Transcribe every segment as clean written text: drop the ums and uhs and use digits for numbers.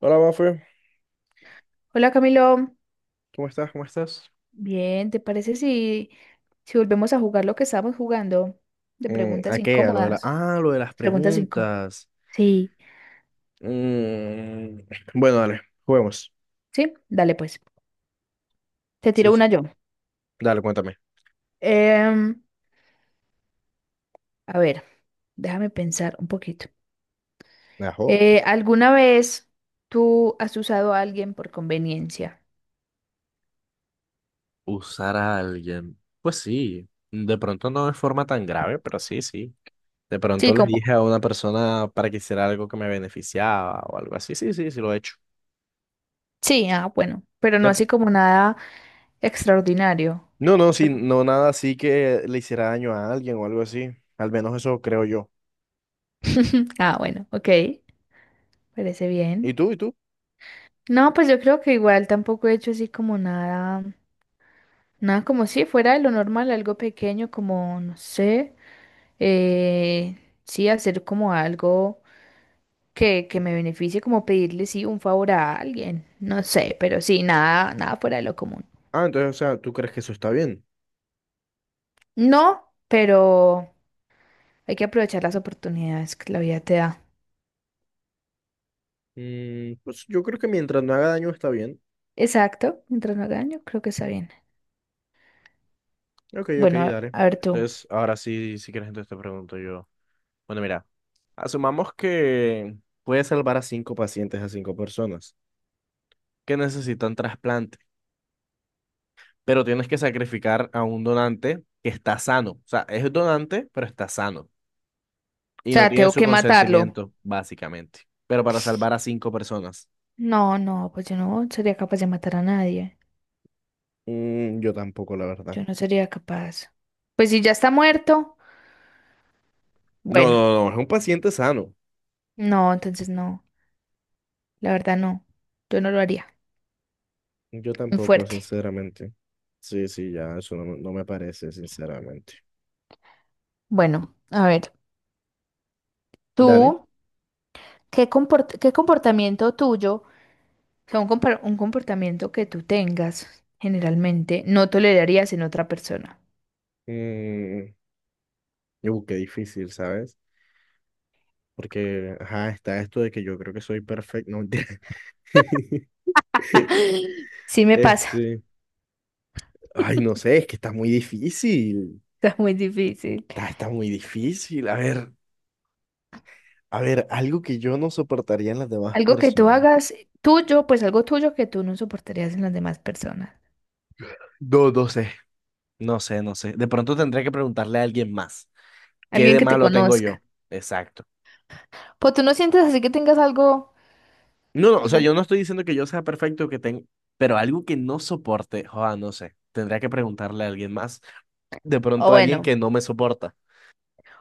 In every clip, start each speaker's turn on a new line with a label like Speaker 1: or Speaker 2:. Speaker 1: Hola, Mafe.
Speaker 2: Hola Camilo,
Speaker 1: ¿Cómo estás? ¿Cómo estás?
Speaker 2: bien, ¿te parece si volvemos a jugar lo que estábamos jugando de
Speaker 1: ¿A
Speaker 2: preguntas
Speaker 1: qué? A lo de la...
Speaker 2: incómodas?
Speaker 1: Ah, lo de las
Speaker 2: Las preguntas incómodas.
Speaker 1: preguntas.
Speaker 2: Sí,
Speaker 1: Mm, Bueno, dale, juguemos.
Speaker 2: sí, dale pues. Te
Speaker 1: Sí,
Speaker 2: tiro
Speaker 1: sí.
Speaker 2: una yo.
Speaker 1: Dale, cuéntame.
Speaker 2: Em, a ver, déjame pensar un poquito.
Speaker 1: Ajo.
Speaker 2: ¿Alguna vez tú has usado a alguien por conveniencia?
Speaker 1: Usar a alguien. Pues sí, de pronto no de forma tan grave, pero sí, sí. De
Speaker 2: Sí,
Speaker 1: pronto le
Speaker 2: como,
Speaker 1: dije a una persona para que hiciera algo que me beneficiaba o algo así. Sí, sí, sí, lo he hecho.
Speaker 2: sí, ah, bueno, pero no
Speaker 1: De-
Speaker 2: así como nada extraordinario.
Speaker 1: No, no, sí,
Speaker 2: Solo-
Speaker 1: no nada así que le hiciera daño a alguien o algo así. Al menos eso creo yo.
Speaker 2: Ah, bueno, ok, parece
Speaker 1: ¿Y
Speaker 2: bien.
Speaker 1: tú? ¿Y tú?
Speaker 2: No, pues yo creo que igual tampoco he hecho así como nada, nada como si fuera de lo normal, algo pequeño como, no sé, eh, sí, hacer como algo que me beneficie, como pedirle, sí, un favor a alguien, no sé, pero sí, nada, nada fuera de lo común.
Speaker 1: Ah, entonces, o sea, ¿tú crees que eso está bien?
Speaker 2: No, pero hay que aprovechar las oportunidades que la vida te da.
Speaker 1: Pues yo creo que mientras no haga daño está bien.
Speaker 2: Exacto, mientras no haga daño, creo que está bien.
Speaker 1: Ok, ok,
Speaker 2: Bueno, a
Speaker 1: dale.
Speaker 2: a ver tú. O
Speaker 1: Entonces, ahora sí, si quieres, entonces te pregunto yo. Bueno, mira, asumamos que puedes salvar a cinco pacientes, a cinco personas que necesitan trasplante, pero tienes que sacrificar a un donante que está sano. O sea, es donante, pero está sano y no
Speaker 2: sea,
Speaker 1: tiene
Speaker 2: tengo
Speaker 1: su
Speaker 2: que matarlo.
Speaker 1: consentimiento, básicamente. Pero para salvar a cinco personas.
Speaker 2: No, no, pues yo no sería capaz de matar a nadie.
Speaker 1: Yo tampoco, la verdad.
Speaker 2: Yo no sería capaz. Pues si ya está muerto,
Speaker 1: No,
Speaker 2: bueno,
Speaker 1: no, no, es un paciente sano.
Speaker 2: no, entonces no, la verdad no, yo no lo haría.
Speaker 1: Yo
Speaker 2: Muy
Speaker 1: tampoco,
Speaker 2: fuerte.
Speaker 1: sinceramente. Sí, sí, ya, eso no, no me parece, sinceramente.
Speaker 2: Bueno, a ver,
Speaker 1: Dale.
Speaker 2: tú, ¿qué comportamiento tuyo? O sea, un comportamiento que tú tengas, generalmente, no tolerarías en otra persona.
Speaker 1: Mm, qué difícil, ¿sabes? Porque, ajá, está esto de que yo creo que soy perfecto. No, mentira.
Speaker 2: Sí me pasa,
Speaker 1: Este. Ay, no sé, es que está muy difícil.
Speaker 2: está muy difícil.
Speaker 1: Está muy difícil. A ver, algo que yo no soportaría en las demás
Speaker 2: Algo que tú
Speaker 1: personas.
Speaker 2: hagas tuyo, pues algo tuyo que tú no soportarías en las demás personas.
Speaker 1: No, no sé. No sé, no sé. De pronto tendré que preguntarle a alguien más. ¿Qué
Speaker 2: Alguien
Speaker 1: de
Speaker 2: que te
Speaker 1: malo tengo
Speaker 2: conozca.
Speaker 1: yo? Exacto.
Speaker 2: Pues tú no sientes así que tengas algo,
Speaker 1: No, no, o
Speaker 2: algo.
Speaker 1: sea, yo no estoy diciendo que yo sea perfecto, que tenga, pero algo que no soporte, joda, no sé, tendría que preguntarle a alguien más, de
Speaker 2: O
Speaker 1: pronto a alguien
Speaker 2: bueno,
Speaker 1: que no me soporta.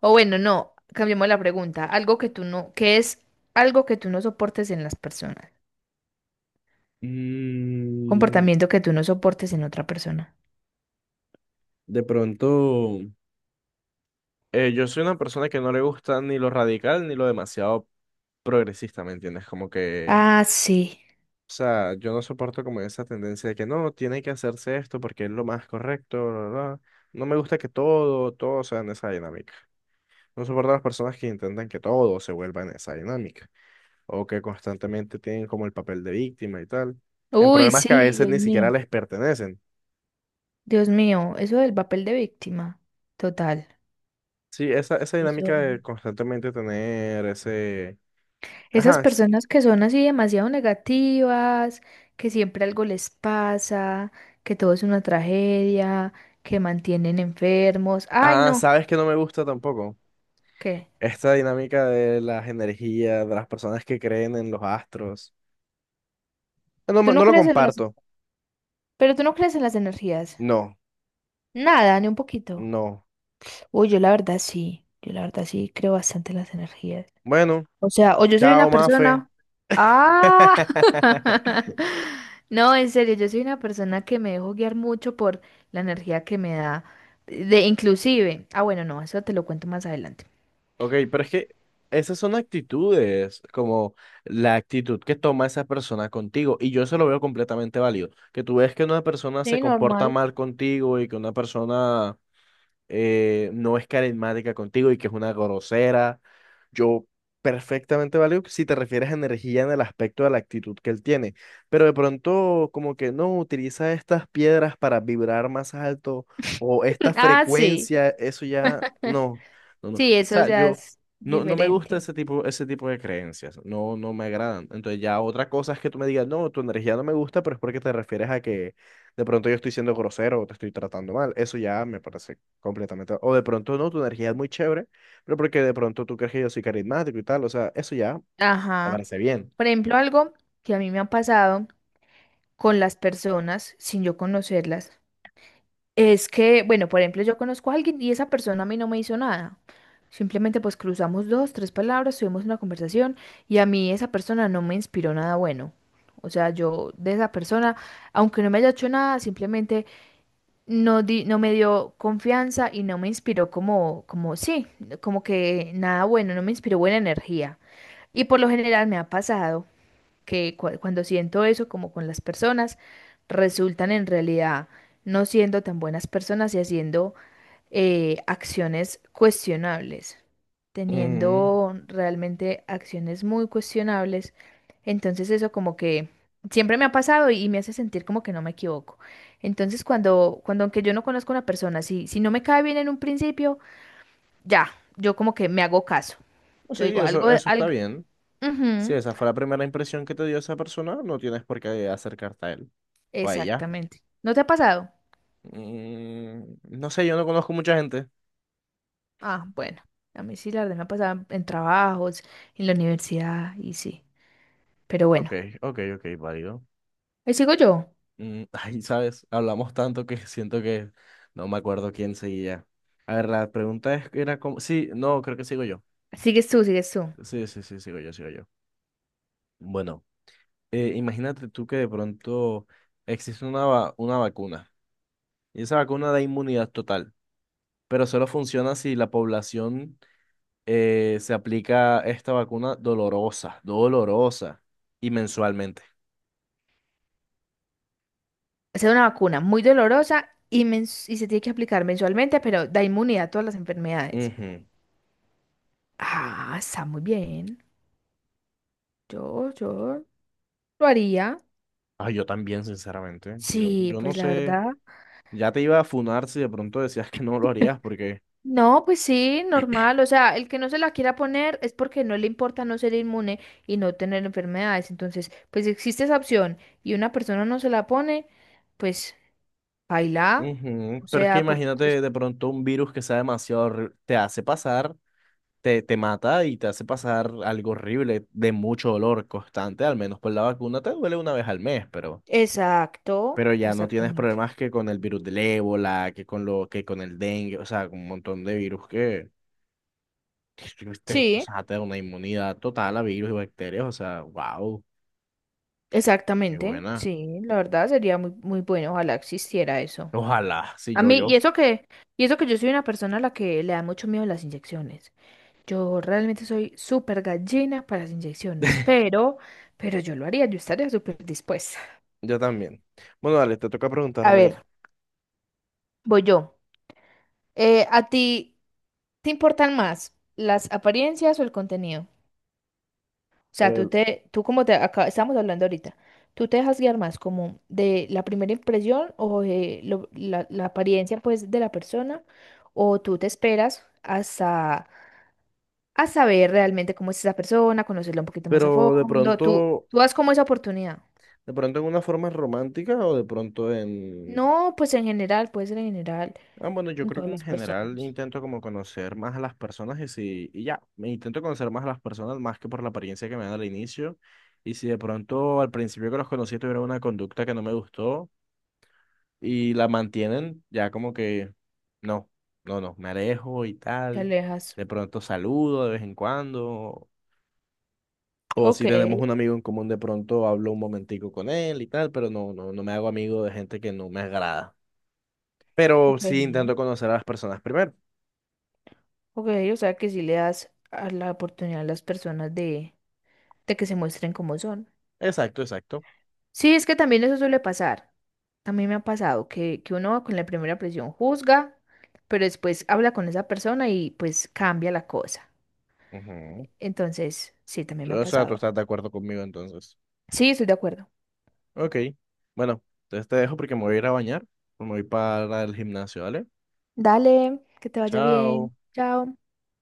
Speaker 2: o bueno, no, cambiemos la pregunta. Algo que tú no, ¿qué es algo que tú no soportes en las personas?
Speaker 1: Mm,
Speaker 2: Comportamiento que tú no soportes en otra persona.
Speaker 1: de pronto, yo soy una persona que no le gusta ni lo radical ni lo demasiado progresista, ¿me entiendes? Como que,
Speaker 2: Ah, sí.
Speaker 1: o sea, yo no soporto como esa tendencia de que no, tiene que hacerse esto porque es lo más correcto, bla, bla, bla". No me gusta que todo sea en esa dinámica. No soporto a las personas que intentan que todo se vuelva en esa dinámica. O que constantemente tienen como el papel de víctima y tal, en
Speaker 2: Uy,
Speaker 1: problemas que a
Speaker 2: sí,
Speaker 1: veces
Speaker 2: Dios
Speaker 1: ni
Speaker 2: mío.
Speaker 1: siquiera les pertenecen.
Speaker 2: Dios mío, eso del papel de víctima. Total.
Speaker 1: Sí, esa
Speaker 2: Eso.
Speaker 1: dinámica de constantemente tener ese...
Speaker 2: Esas
Speaker 1: Ajá, s-
Speaker 2: personas que son así demasiado negativas, que siempre algo les pasa, que todo es una tragedia, que mantienen enfermos. Ay,
Speaker 1: ah,
Speaker 2: no,
Speaker 1: sabes que no me gusta tampoco.
Speaker 2: ¿qué?
Speaker 1: Esta dinámica de las energías, de las personas que creen en los astros. No,
Speaker 2: ¿Tú
Speaker 1: me- no
Speaker 2: no
Speaker 1: lo
Speaker 2: crees en las,
Speaker 1: comparto.
Speaker 2: pero tú no crees en las energías?
Speaker 1: No,
Speaker 2: Nada, ni un poquito.
Speaker 1: no.
Speaker 2: Uy, yo la verdad sí, yo la verdad sí creo bastante en las energías.
Speaker 1: Bueno,
Speaker 2: O sea, o yo soy
Speaker 1: chao,
Speaker 2: una
Speaker 1: Mafe.
Speaker 2: persona... Ah, no, en serio, yo soy una persona que me dejo guiar mucho por la energía que me da. De inclusive, ah, bueno, no, eso te lo cuento más adelante.
Speaker 1: Ok, pero es que esas son actitudes, como la actitud que toma esa persona contigo, y yo eso lo veo completamente válido, que tú ves que una persona se
Speaker 2: Sí,
Speaker 1: comporta
Speaker 2: normal.
Speaker 1: mal contigo y que una persona no es carismática contigo y que es una grosera. Yo perfectamente valeo que si te refieres a energía en el aspecto de la actitud que él tiene, pero de pronto como que no utiliza estas piedras para vibrar más alto o esta
Speaker 2: Ah, sí,
Speaker 1: frecuencia, eso ya no, no, no. O
Speaker 2: sí, eso
Speaker 1: sea,
Speaker 2: ya
Speaker 1: yo
Speaker 2: es
Speaker 1: no, no me gusta
Speaker 2: diferente.
Speaker 1: ese tipo de creencias, no, no me agradan. Entonces ya otra cosa es que tú me digas, no, tu energía no me gusta, pero es porque te refieres a que de pronto yo estoy siendo grosero o te estoy tratando mal. Eso ya me parece completamente. O de pronto no, tu energía es muy chévere, pero porque de pronto tú crees que yo soy carismático y tal. O sea, eso ya te
Speaker 2: Ajá.
Speaker 1: parece bien.
Speaker 2: Por ejemplo, algo que a mí me ha pasado con las personas sin yo conocerlas. Es que, bueno, por ejemplo, yo conozco a alguien y esa persona a mí no me hizo nada. Simplemente pues cruzamos dos, tres palabras, tuvimos una conversación y a mí esa persona no me inspiró nada bueno. O sea, yo de esa persona, aunque no me haya hecho nada, simplemente no me dio confianza y no me inspiró como, como sí, como que nada bueno, no me inspiró buena energía. Y por lo general me ha pasado que cuando siento eso como con las personas, resultan en realidad no siendo tan buenas personas y haciendo acciones cuestionables,
Speaker 1: Mm,
Speaker 2: teniendo realmente acciones muy cuestionables. Entonces eso como que siempre me ha pasado y, me hace sentir como que no me equivoco. Entonces cuando aunque yo no conozco a una persona, si no me cae bien en un principio, ya, yo como que me hago caso.
Speaker 1: pues
Speaker 2: Yo
Speaker 1: sí,
Speaker 2: digo algo,
Speaker 1: eso está
Speaker 2: algo.
Speaker 1: bien. Si
Speaker 2: Ujú,
Speaker 1: esa fue la primera impresión que te dio esa persona, no tienes por qué acercarte a él o a ella.
Speaker 2: exactamente. ¿No te ha pasado?
Speaker 1: No sé, yo no conozco mucha gente.
Speaker 2: Ah, bueno, a mí sí, la verdad me ha pasado en trabajos, en la universidad y sí. Pero
Speaker 1: Ok,
Speaker 2: bueno,
Speaker 1: ok, ok, válido.
Speaker 2: ahí sigo yo.
Speaker 1: Ay, sabes, hablamos tanto que siento que no me acuerdo quién seguía. A ver, la pregunta es, era como... Sí, no, creo que sigo yo.
Speaker 2: Sigues tú, sigues tú.
Speaker 1: Sí, sí, sí, sigo yo, sigo yo. Bueno. Imagínate tú que de pronto existe una, va- una vacuna y esa vacuna da inmunidad total, pero solo funciona si la población se aplica esta vacuna dolorosa y mensualmente.
Speaker 2: Es una vacuna muy dolorosa y, y se tiene que aplicar mensualmente, pero da inmunidad a todas las enfermedades.
Speaker 1: Ujú.
Speaker 2: Ah, está muy bien. Yo lo haría.
Speaker 1: Ah, yo también, sinceramente. Yo,
Speaker 2: Sí,
Speaker 1: yo no
Speaker 2: pues la
Speaker 1: sé,
Speaker 2: verdad.
Speaker 1: ya te iba a funar si de pronto decías que no lo harías porque...
Speaker 2: No, pues sí, normal. O sea, el que no se la quiera poner es porque no le importa no ser inmune y no tener enfermedades. Entonces, pues existe esa opción y una persona no se la pone, pues baila.
Speaker 1: Ujú,
Speaker 2: O
Speaker 1: pero es que
Speaker 2: sea, por...
Speaker 1: imagínate
Speaker 2: es-
Speaker 1: de pronto un virus que sea demasiado horri- te hace pasar. Te mata y te hace pasar algo horrible de mucho dolor constante, al menos por la vacuna te duele una vez al mes,
Speaker 2: Exacto,
Speaker 1: pero ya no tienes
Speaker 2: exactamente.
Speaker 1: problemas que con el virus del ébola, que con lo, que con el dengue, o sea, con un montón de virus que te, o
Speaker 2: Sí,
Speaker 1: sea, te da una inmunidad total a virus y bacterias, o sea, wow, qué
Speaker 2: exactamente.
Speaker 1: buena.
Speaker 2: Sí, la verdad sería muy, muy bueno. Ojalá existiera eso.
Speaker 1: Ojalá, sí,
Speaker 2: A
Speaker 1: yo,
Speaker 2: mí,
Speaker 1: yo.
Speaker 2: y eso que yo soy una persona a la que le da mucho miedo las inyecciones. Yo realmente soy súper gallina para las inyecciones, pero yo lo haría, yo estaría súper dispuesta.
Speaker 1: Yo también. Bueno, dale, te toca
Speaker 2: A
Speaker 1: preguntarme,
Speaker 2: ver, voy yo. ¿A ti te importan más las apariencias o el contenido? O sea,
Speaker 1: eh,
Speaker 2: tú como te acá, estamos hablando ahorita, ¿tú te dejas guiar más como de la primera impresión o de la apariencia pues de la persona? ¿O tú te esperas hasta a saber realmente cómo es esa persona, conocerla un poquito más a
Speaker 1: pero
Speaker 2: fondo? ¿Tú, tú das como esa oportunidad?
Speaker 1: de pronto en una forma romántica o de pronto en,
Speaker 2: No, pues en general, puede ser en general,
Speaker 1: Ah, bueno, yo
Speaker 2: con
Speaker 1: creo
Speaker 2: todas
Speaker 1: que en
Speaker 2: las
Speaker 1: general
Speaker 2: personas.
Speaker 1: intento como conocer más a las personas y si, y ya, me intento conocer más a las personas más que por la apariencia que me dan al inicio. Y si de pronto al principio que los conocí tuvieron una conducta que no me gustó y la mantienen, ya como que no, no, no, me alejo y
Speaker 2: Te
Speaker 1: tal.
Speaker 2: alejas.
Speaker 1: De pronto saludo de vez en cuando. O
Speaker 2: Ok,
Speaker 1: si tenemos un amigo en común, de pronto hablo un momentico con él y tal, pero no, no, no me hago amigo de gente que no me agrada. Pero
Speaker 2: ok,
Speaker 1: sí intento conocer a las personas primero.
Speaker 2: ok, o sea que sí le das a la oportunidad a las personas de que se muestren como son.
Speaker 1: Exacto, exacto.
Speaker 2: Sí, es que también eso suele pasar. A mí me ha pasado que uno con la primera presión juzga, pero después habla con esa persona y pues cambia la cosa.
Speaker 1: Ujú.
Speaker 2: Entonces, sí, también me ha
Speaker 1: O sea, tú
Speaker 2: pasado.
Speaker 1: estás de acuerdo conmigo entonces.
Speaker 2: Sí, estoy de acuerdo.
Speaker 1: Ok. Bueno, entonces te dejo porque me voy a ir a bañar. Me voy para el gimnasio, ¿vale?
Speaker 2: Dale, que te vaya bien.
Speaker 1: Chao.
Speaker 2: Chao.